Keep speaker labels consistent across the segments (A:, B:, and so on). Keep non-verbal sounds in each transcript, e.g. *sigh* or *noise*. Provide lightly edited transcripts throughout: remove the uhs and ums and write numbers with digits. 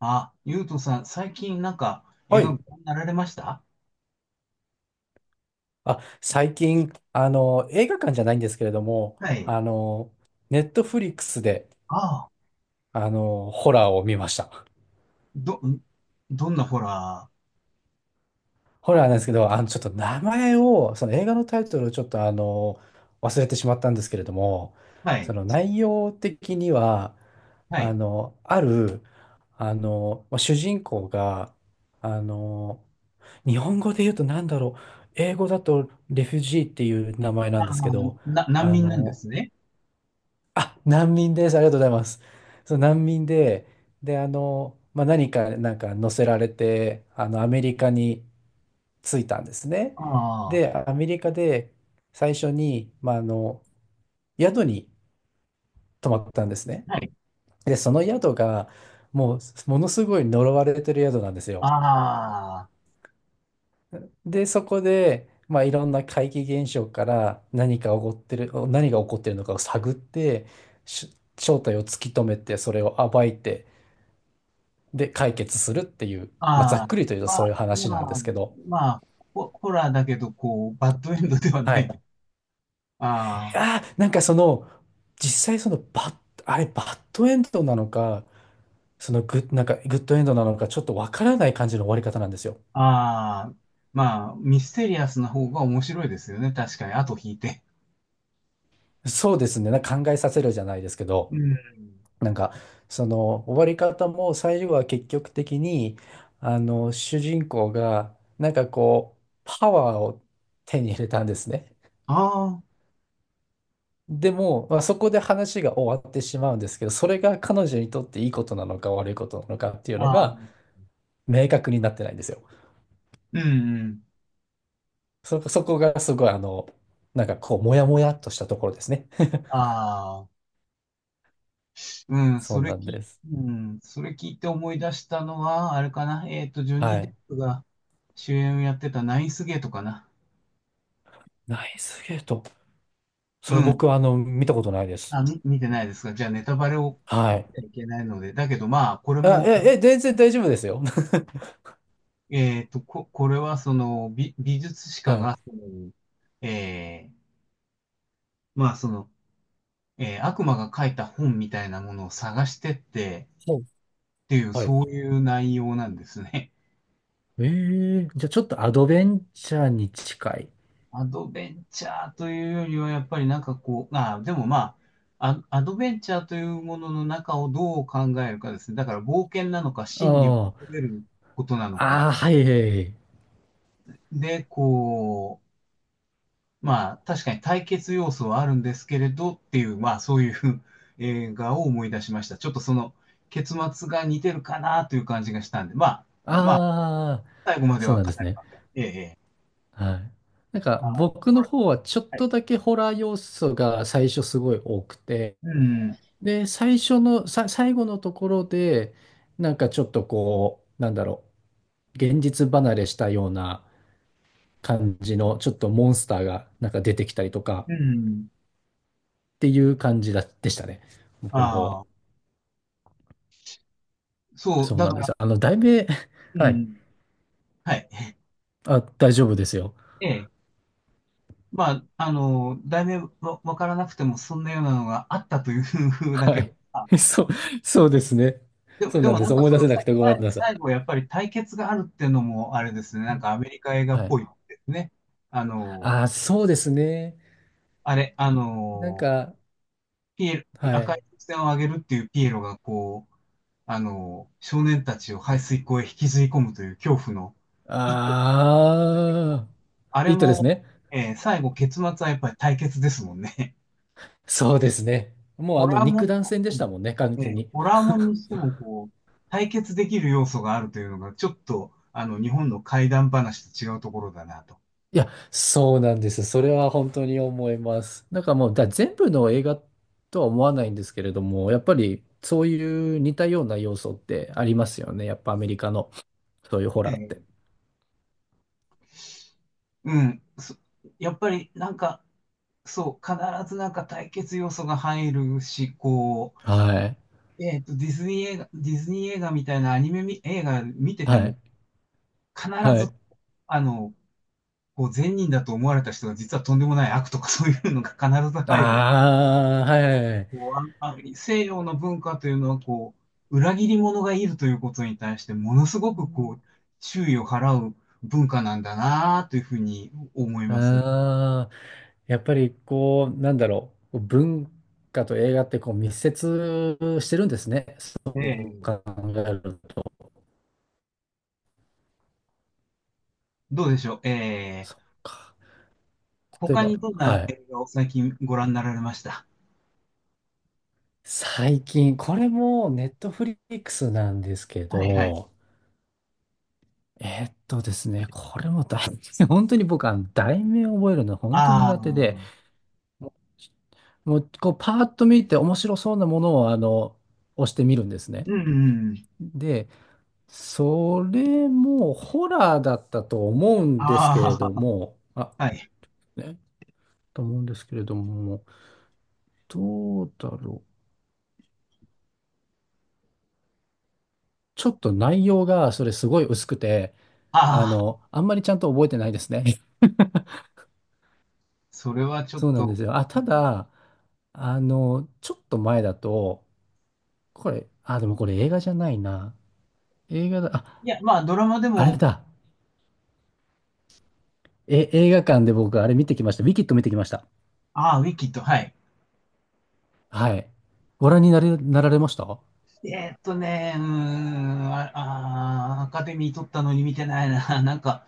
A: あ、ゆうとさん、最近なんか映
B: は
A: 画
B: い。
A: ご覧になられました？
B: あ、最近、映画館じゃないんですけれども、
A: はい。
B: ネットフリックスで、
A: ああ、
B: ホラーを見ました。
A: ど、んどんなホラ
B: ホラーなんですけど、ちょっと名前を、その映画のタイトルをちょっと、忘れてしまったんですけれども、
A: ー？は
B: そ
A: い。
B: の内容的には、
A: は
B: あ
A: い。
B: の、ある、あの、まあ主人公が、あの、日本語で言うと何だろう、英語だとレフュジーっていう名前な
A: あ
B: んで
A: あ、
B: すけど、
A: 難
B: あ
A: 民なんで
B: の、
A: すね。
B: あ、難民です。ありがとうございます。そう、難民で、で、まあ、なんか乗せられて、アメリカに着いたんですね。
A: ああ、
B: で、アメリカで最初に、まあ、宿に泊まったんですね。
A: はい。
B: で、その宿が、もう、ものすごい呪われてる宿なんですよ。
A: ああ、
B: で、そこで、まあ、いろんな怪奇現象から何か起こってる、何が起こってるのかを探って、正体を突き止めて、それを暴いて、で解決するっていう、まあ、ざ
A: ああ、
B: っくりと言うと
A: ま
B: そ
A: あ、
B: ういう話
A: ま
B: なんで
A: あ、
B: すけど。
A: まあ、ホラーだけど、こう、バッドエンドではな
B: は
A: い。
B: い。
A: あ
B: なんかその、実際バッドエンドなのか、そのグッ、なんかグッドエンドなのか、ちょっとわからない感じの終わり方なんですよ。
A: あ、ああ、まあ、ミステリアスな方が面白いですよね。確かに、後引いて。
B: そうですね。なんか考えさせるじゃないですけ
A: う
B: ど、
A: ん。
B: なんか、その終わり方も最後は結局的に、主人公が、なんかこう、パワーを手に入れたんですね。
A: あ
B: でも、まあ、そこで話が終わってしまうんですけど、それが彼女にとっていいことなのか悪いことなのかっていう
A: あ、
B: の
A: ああ、
B: が明確になってないんですよ。
A: うん、うん。
B: そこがすごいなんかこう、もやもやっとしたところですね。*laughs*
A: ああ。うん、
B: そ
A: そ
B: う
A: れ
B: なん
A: き、
B: です。
A: うん、それ聞いて思い出したのは、あれかな、ジョ
B: は
A: ニー・デッ
B: い。
A: プが主演をやってたナインスゲートかな。
B: ナイスゲート。
A: う
B: それ
A: ん。
B: 僕は見たことないです。
A: あ、見てないですか？じゃあ、ネタバレを
B: は
A: 言っ
B: い。
A: ちゃいけないので。だけど、まあ、これ
B: あ、
A: も、
B: 全然大丈夫ですよ。
A: これは、その、美術史
B: *laughs* は
A: 家
B: い。
A: が、その、えー、まあ、その、悪魔が書いた本みたいなものを探してって、
B: ほう。
A: っていう、
B: はい。
A: そういう内容なんですね。
B: ええ、じゃあちょっとアドベンチャーに近い。
A: アドベンチャーというよりは、やっぱりなんかこう、あ、でもまあ、アドベンチャーというものの中をどう考えるかですね。だから冒険なのか、真理を
B: あ
A: 求めることなの
B: あ、
A: か。
B: ああ、はい、はいはい。
A: で、こう、まあ、確かに対決要素はあるんですけれどっていう、まあ、そういう *laughs* 映画を思い出しました。ちょっとその結末が似てるかなという感じがしたんで、まあ、まあ、
B: ああ、
A: 最後まで
B: そう
A: は
B: な
A: 語
B: んです
A: り
B: ね。
A: ません。ええ、ええ。
B: はい。なんか
A: ああ、
B: 僕
A: こ
B: の
A: れ、
B: 方はちょっ
A: は
B: と
A: い。
B: だけホラー要素が最初すごい多くて、
A: うん、
B: で、最後のところで、なんかちょっとこう、なんだろう、現実離れしたような感じの、ちょっとモンスターがなんか出てきたりとか
A: うん、
B: っていう感じだ、でしたね。僕の方は。
A: ああ。そう、
B: そう
A: だ
B: なん
A: か
B: で
A: ら、
B: す。題名、
A: う
B: *laughs* はい。
A: ん、はい。
B: あ、大丈夫ですよ。
A: ええ。まあ、あの、題名わ、わからなくても、そんなようなのがあったというふうだ
B: は
A: けど、
B: い。
A: あ、
B: *laughs* そう、そうですね。
A: でも、
B: そう
A: で
B: なん
A: も
B: で
A: な
B: す。
A: んか
B: 思い
A: そ
B: 出
A: の、
B: せなくてごめんなさい。
A: 最後やっぱり対決があるっていうのも、あれですね、なんかアメリカ映画っ
B: は
A: ぽ
B: い。
A: いですね。あの、
B: ああ、そうですね。
A: あれ、あ
B: なん
A: の、
B: か、
A: ピエロ、
B: は
A: 赤
B: い。
A: い風船をあげるっていうピエロが、こう、あの、少年たちを排水溝へ引きずり込むという恐怖の一個
B: ああ、
A: あ
B: い
A: れ
B: いとです
A: も、
B: ね。
A: えー最後結末はやっぱり対決ですもんね。
B: そうですね。
A: *laughs*
B: もう
A: ホラーも
B: 肉
A: ん、
B: 弾戦で
A: う
B: したもんね、完
A: ん
B: 全に。
A: ホラーもんにしてもこう、対決できる要素があるというのが、ちょっと、あの、日本の怪談話と違うところだなと。
B: いや、そうなんです。それは本当に思います。なんかもう、全部の映画とは思わないんですけれども、やっぱりそういう似たような要素ってありますよね。やっぱアメリカのそういうホラーって。
A: ね、うん。そ、やっぱりなんか、そう、必ずなんか対決要素が入るし、こ
B: はい。
A: う、えっと、ディズニー映画みたいなアニメみ映画見てて
B: は
A: も、
B: い。
A: 必
B: は
A: ず、
B: い。
A: あの、こう善人だと思われた人が実はとんでもない悪とかそういうのが必ず入る。
B: ああ、はいはいはい。
A: こう西洋の文化というのはこう、裏切り者がいるということに対してものすご
B: う
A: くこ
B: ん、
A: う、注意を払う文化なんだなというふうに思いますね。
B: ああ、やっぱりこう、なんだろう、文化と映画ってこう密接してるんですね。そう
A: ええ、
B: 考えると。
A: どうでしょう。ええ、
B: そっか。例え
A: 他
B: ば、
A: にどん
B: は
A: な
B: い。
A: 映画を最近ご覧になられました？
B: 最近、これもネットフリックスなんですけ
A: はいはい。
B: ど、ですね、これも大、*laughs* 本当に僕は題名を覚えるの本当に
A: あ
B: 苦手で、
A: あ、
B: もうこうパーッと見て面白そうなものを押してみるんですね。
A: うん、うん。
B: それもホラーだったと思うんですけれ
A: あ
B: ども、
A: あ、はい。
B: ね、と思うんですけれども、どうだろう。ちょっと内容がそれすごい薄くて、
A: ああ、
B: あんまりちゃんと覚えてないですね。*laughs*
A: それはちょっ
B: そうなんで
A: と。
B: すよ。あ、
A: う
B: た
A: ん、
B: だ、ちょっと前だと、あ、でもこれ映画じゃないな。映画だ、
A: い
B: あ、
A: や、まあ、ドラマで
B: あれ
A: も。
B: だ。映画館で僕あれ見てきました。ウィキッド見てきました。
A: ああ、ウィキッド、はい。
B: はい。ご覧になれ、なられました？
A: うーん、ああー、アカデミー取ったのに見てないな。*laughs* なんか、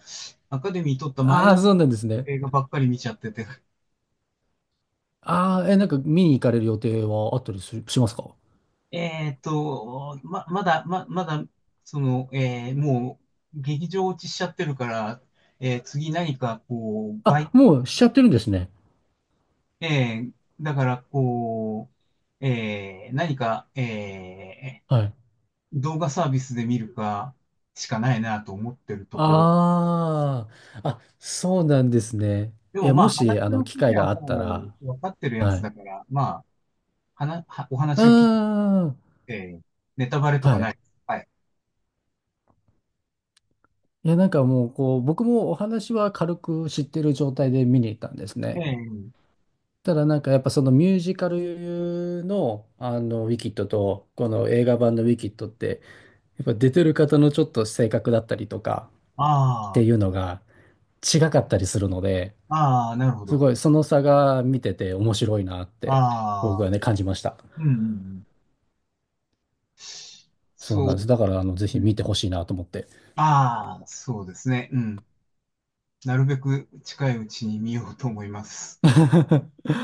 A: アカデミー取ったマイ
B: ああー、
A: ナー
B: そうなんですね。
A: 映画ばっかり見ちゃってて。
B: ああ、なんか見に行かれる予定はあったりする、しますか？
A: ま、まだ、ま、まだ、その、もう、劇場落ちしちゃってるから、えー次何か、こう、
B: あ、
A: 倍、
B: もうしちゃってるんですね。
A: えーだから、こう、えー何か、
B: はい。
A: 動画サービスで見るか、しかないなと思ってるところ。
B: ああ、あ、そうなんですね。
A: で
B: い
A: も
B: や、
A: まあ
B: もし、
A: 話の
B: 機
A: 筋
B: 会
A: は
B: があった
A: も
B: ら、
A: う分かってるや
B: は
A: つ
B: い。
A: だから、まあ、はな、はお話
B: あ
A: を聞いて、ネタバレと
B: あ、
A: か
B: は
A: な
B: い。
A: いです。はい。
B: いや、なんかもう、こう、僕もお話は軽く知ってる状態で見に行ったんです
A: え
B: ね。
A: え、
B: ただ、なんかやっぱそのミュージカルの、ウィキッドと、この映画版のウィキッドって、やっぱ出てる方のちょっと性格だったりとかって
A: あ
B: いうのが、違かったりするので、
A: あ、ああ、なるほ
B: す
A: ど。
B: ごいその差が見てて面白いなって
A: あ
B: 僕
A: あ、
B: はね感じました。
A: うん、うんうん、
B: そう
A: そ
B: なんで
A: う、
B: す。だからぜ
A: う
B: ひ見
A: ん。
B: てほしいなと思って。
A: ああ、そうですね。うん。なるべく近いうちに見ようと思います。
B: *laughs*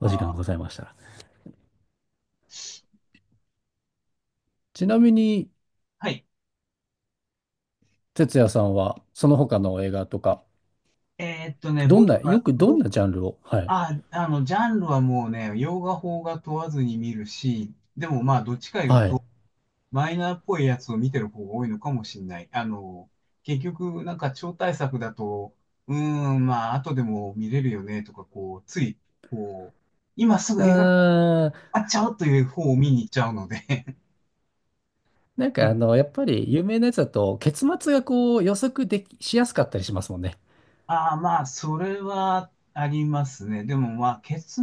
A: あ
B: お時間ござ
A: あ、
B: いましたら。ちなみに
A: はい。
B: 哲也さんはその他の映画とかどんな
A: 僕が、
B: よくどん
A: 僕、
B: なジャンルを？はい
A: ああ、あの、ジャンルはもうね、洋画、邦画問わずに見るし、でもまあ、どっちか言う
B: はい。
A: と、マイナーっぽいやつを見てる方が多いのかもしれない。あの、結局、なんか超大作だと、うーん、まあ、後でも見れるよね、とか、こう、つい、こう、今す
B: う
A: ぐ映画館に
B: ーん、
A: あっちゃうという方を見に行っちゃうので *laughs*、
B: なん
A: う
B: か
A: ん、
B: やっぱり有名なやつだと、結末がこう予測でき、しやすかったりしますもんね。
A: ああ、まあ、それはありますね。でも、まあ、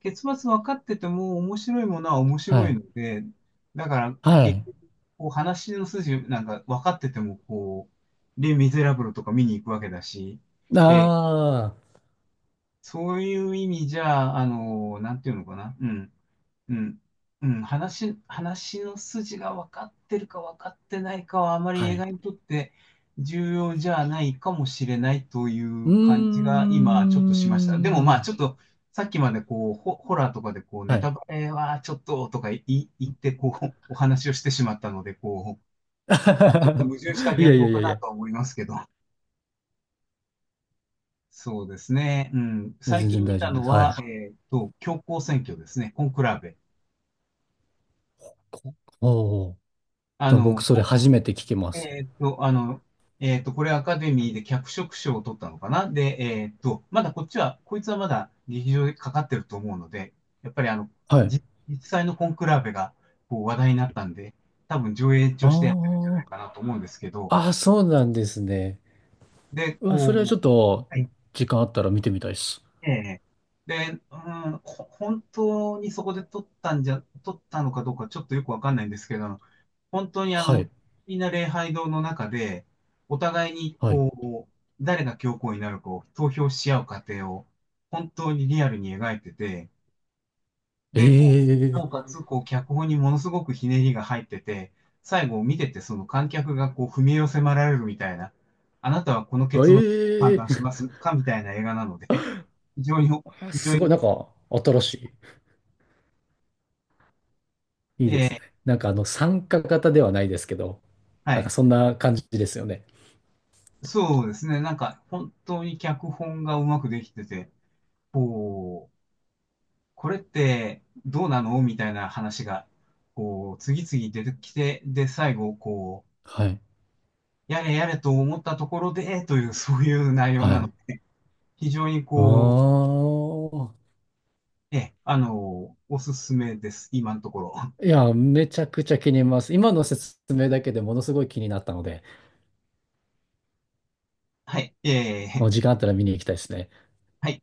A: 結末分かってても面白いものは面
B: は
A: 白い
B: い。
A: ので、だから、
B: は
A: 結
B: い。
A: 局、こう話の筋なんか分かってても、こう、レ・ミゼラブルとか見に行くわけだし、
B: あ
A: ええ、
B: あ、
A: そういう意味じゃ、あの、なんていうのかな、うん。うん。うん、話の筋が分かってるか分かってないかはあまり
B: は
A: 映
B: い。
A: 画にとって重要じゃないかもしれないとい
B: うー
A: う感じが今ちょっとしました。でもまあ
B: ん。
A: ちょっとさっきまでこうホラーとかでこうネ
B: は
A: タ
B: い。
A: バレはちょっとと言ってこうお話をしてしまったのでこう、まあちょっと矛盾した
B: *laughs* い
A: 言
B: やい
A: 動
B: やい
A: か
B: やい
A: な
B: や。
A: とは思いますけど。そうですね。うん。最
B: 全然
A: 近見
B: 大丈
A: た
B: 夫で
A: の
B: す。は
A: は、
B: い。
A: 教皇選挙ですね。コンクラーベ。
B: こおー
A: あ
B: でも
A: の、
B: 僕それ初めて聞きます。
A: えーっと、あの、これアカデミーで脚色賞を取ったのかな。で、まだこっちは、こいつはまだ劇場でかかってると思うので、やっぱりあの、
B: はい。
A: じ実際のコンクラーベがこう話題になったんで、多分上映としてやってるんじゃな
B: あ
A: いかなと思うんですけど、
B: あ。ああ、そうなんですね。
A: で、
B: うわ、それはち
A: こ
B: ょっ
A: う、
B: と、
A: はい、
B: 時間あったら見てみたいです。
A: ええ、で、うん、本当にそこで撮ったんじゃ、撮ったのかどうかちょっとよくわかんないんですけど、本当にあ
B: は
A: の、
B: い。
A: みんな礼拝堂の中で、お互いに
B: はい。
A: こう、誰が教皇になるかを投票し合う過程を、本当にリアルに描いてて、
B: え
A: で、こう、
B: え
A: なお
B: ー、
A: かつ、こう、脚本にものすごくひねりが入ってて、最後見てて、その観客がこう、踏み絵を迫られるみたいな、あなたはこの結末を
B: え
A: 判
B: え
A: 断しま
B: ー、
A: すかみたいな映画なので、*laughs* 非常に、
B: あ、
A: 非常
B: すご
A: に、
B: い、なんか、新しい。いい
A: え
B: です
A: ー
B: ね。なんか参加型ではないですけど、
A: は
B: なんか
A: い。
B: そんな感じですよね。
A: そうですね。なんか、本当に脚本がうまくできてて、こう、これってどうなのみたいな話が、こう、次々出てきて、で、最後、こ
B: はい。
A: う、やれやれと思ったところで、という、そういう内容
B: は
A: なの
B: い。
A: で、非常にこ
B: ああ。
A: う、え、あの、おすすめです、今のところ。
B: いや、めちゃくちゃ気に入ります。今の説明だけでものすごい気になったので、
A: はい、え
B: もう時
A: ー
B: 間あったら見に行きたいですね。
A: はい。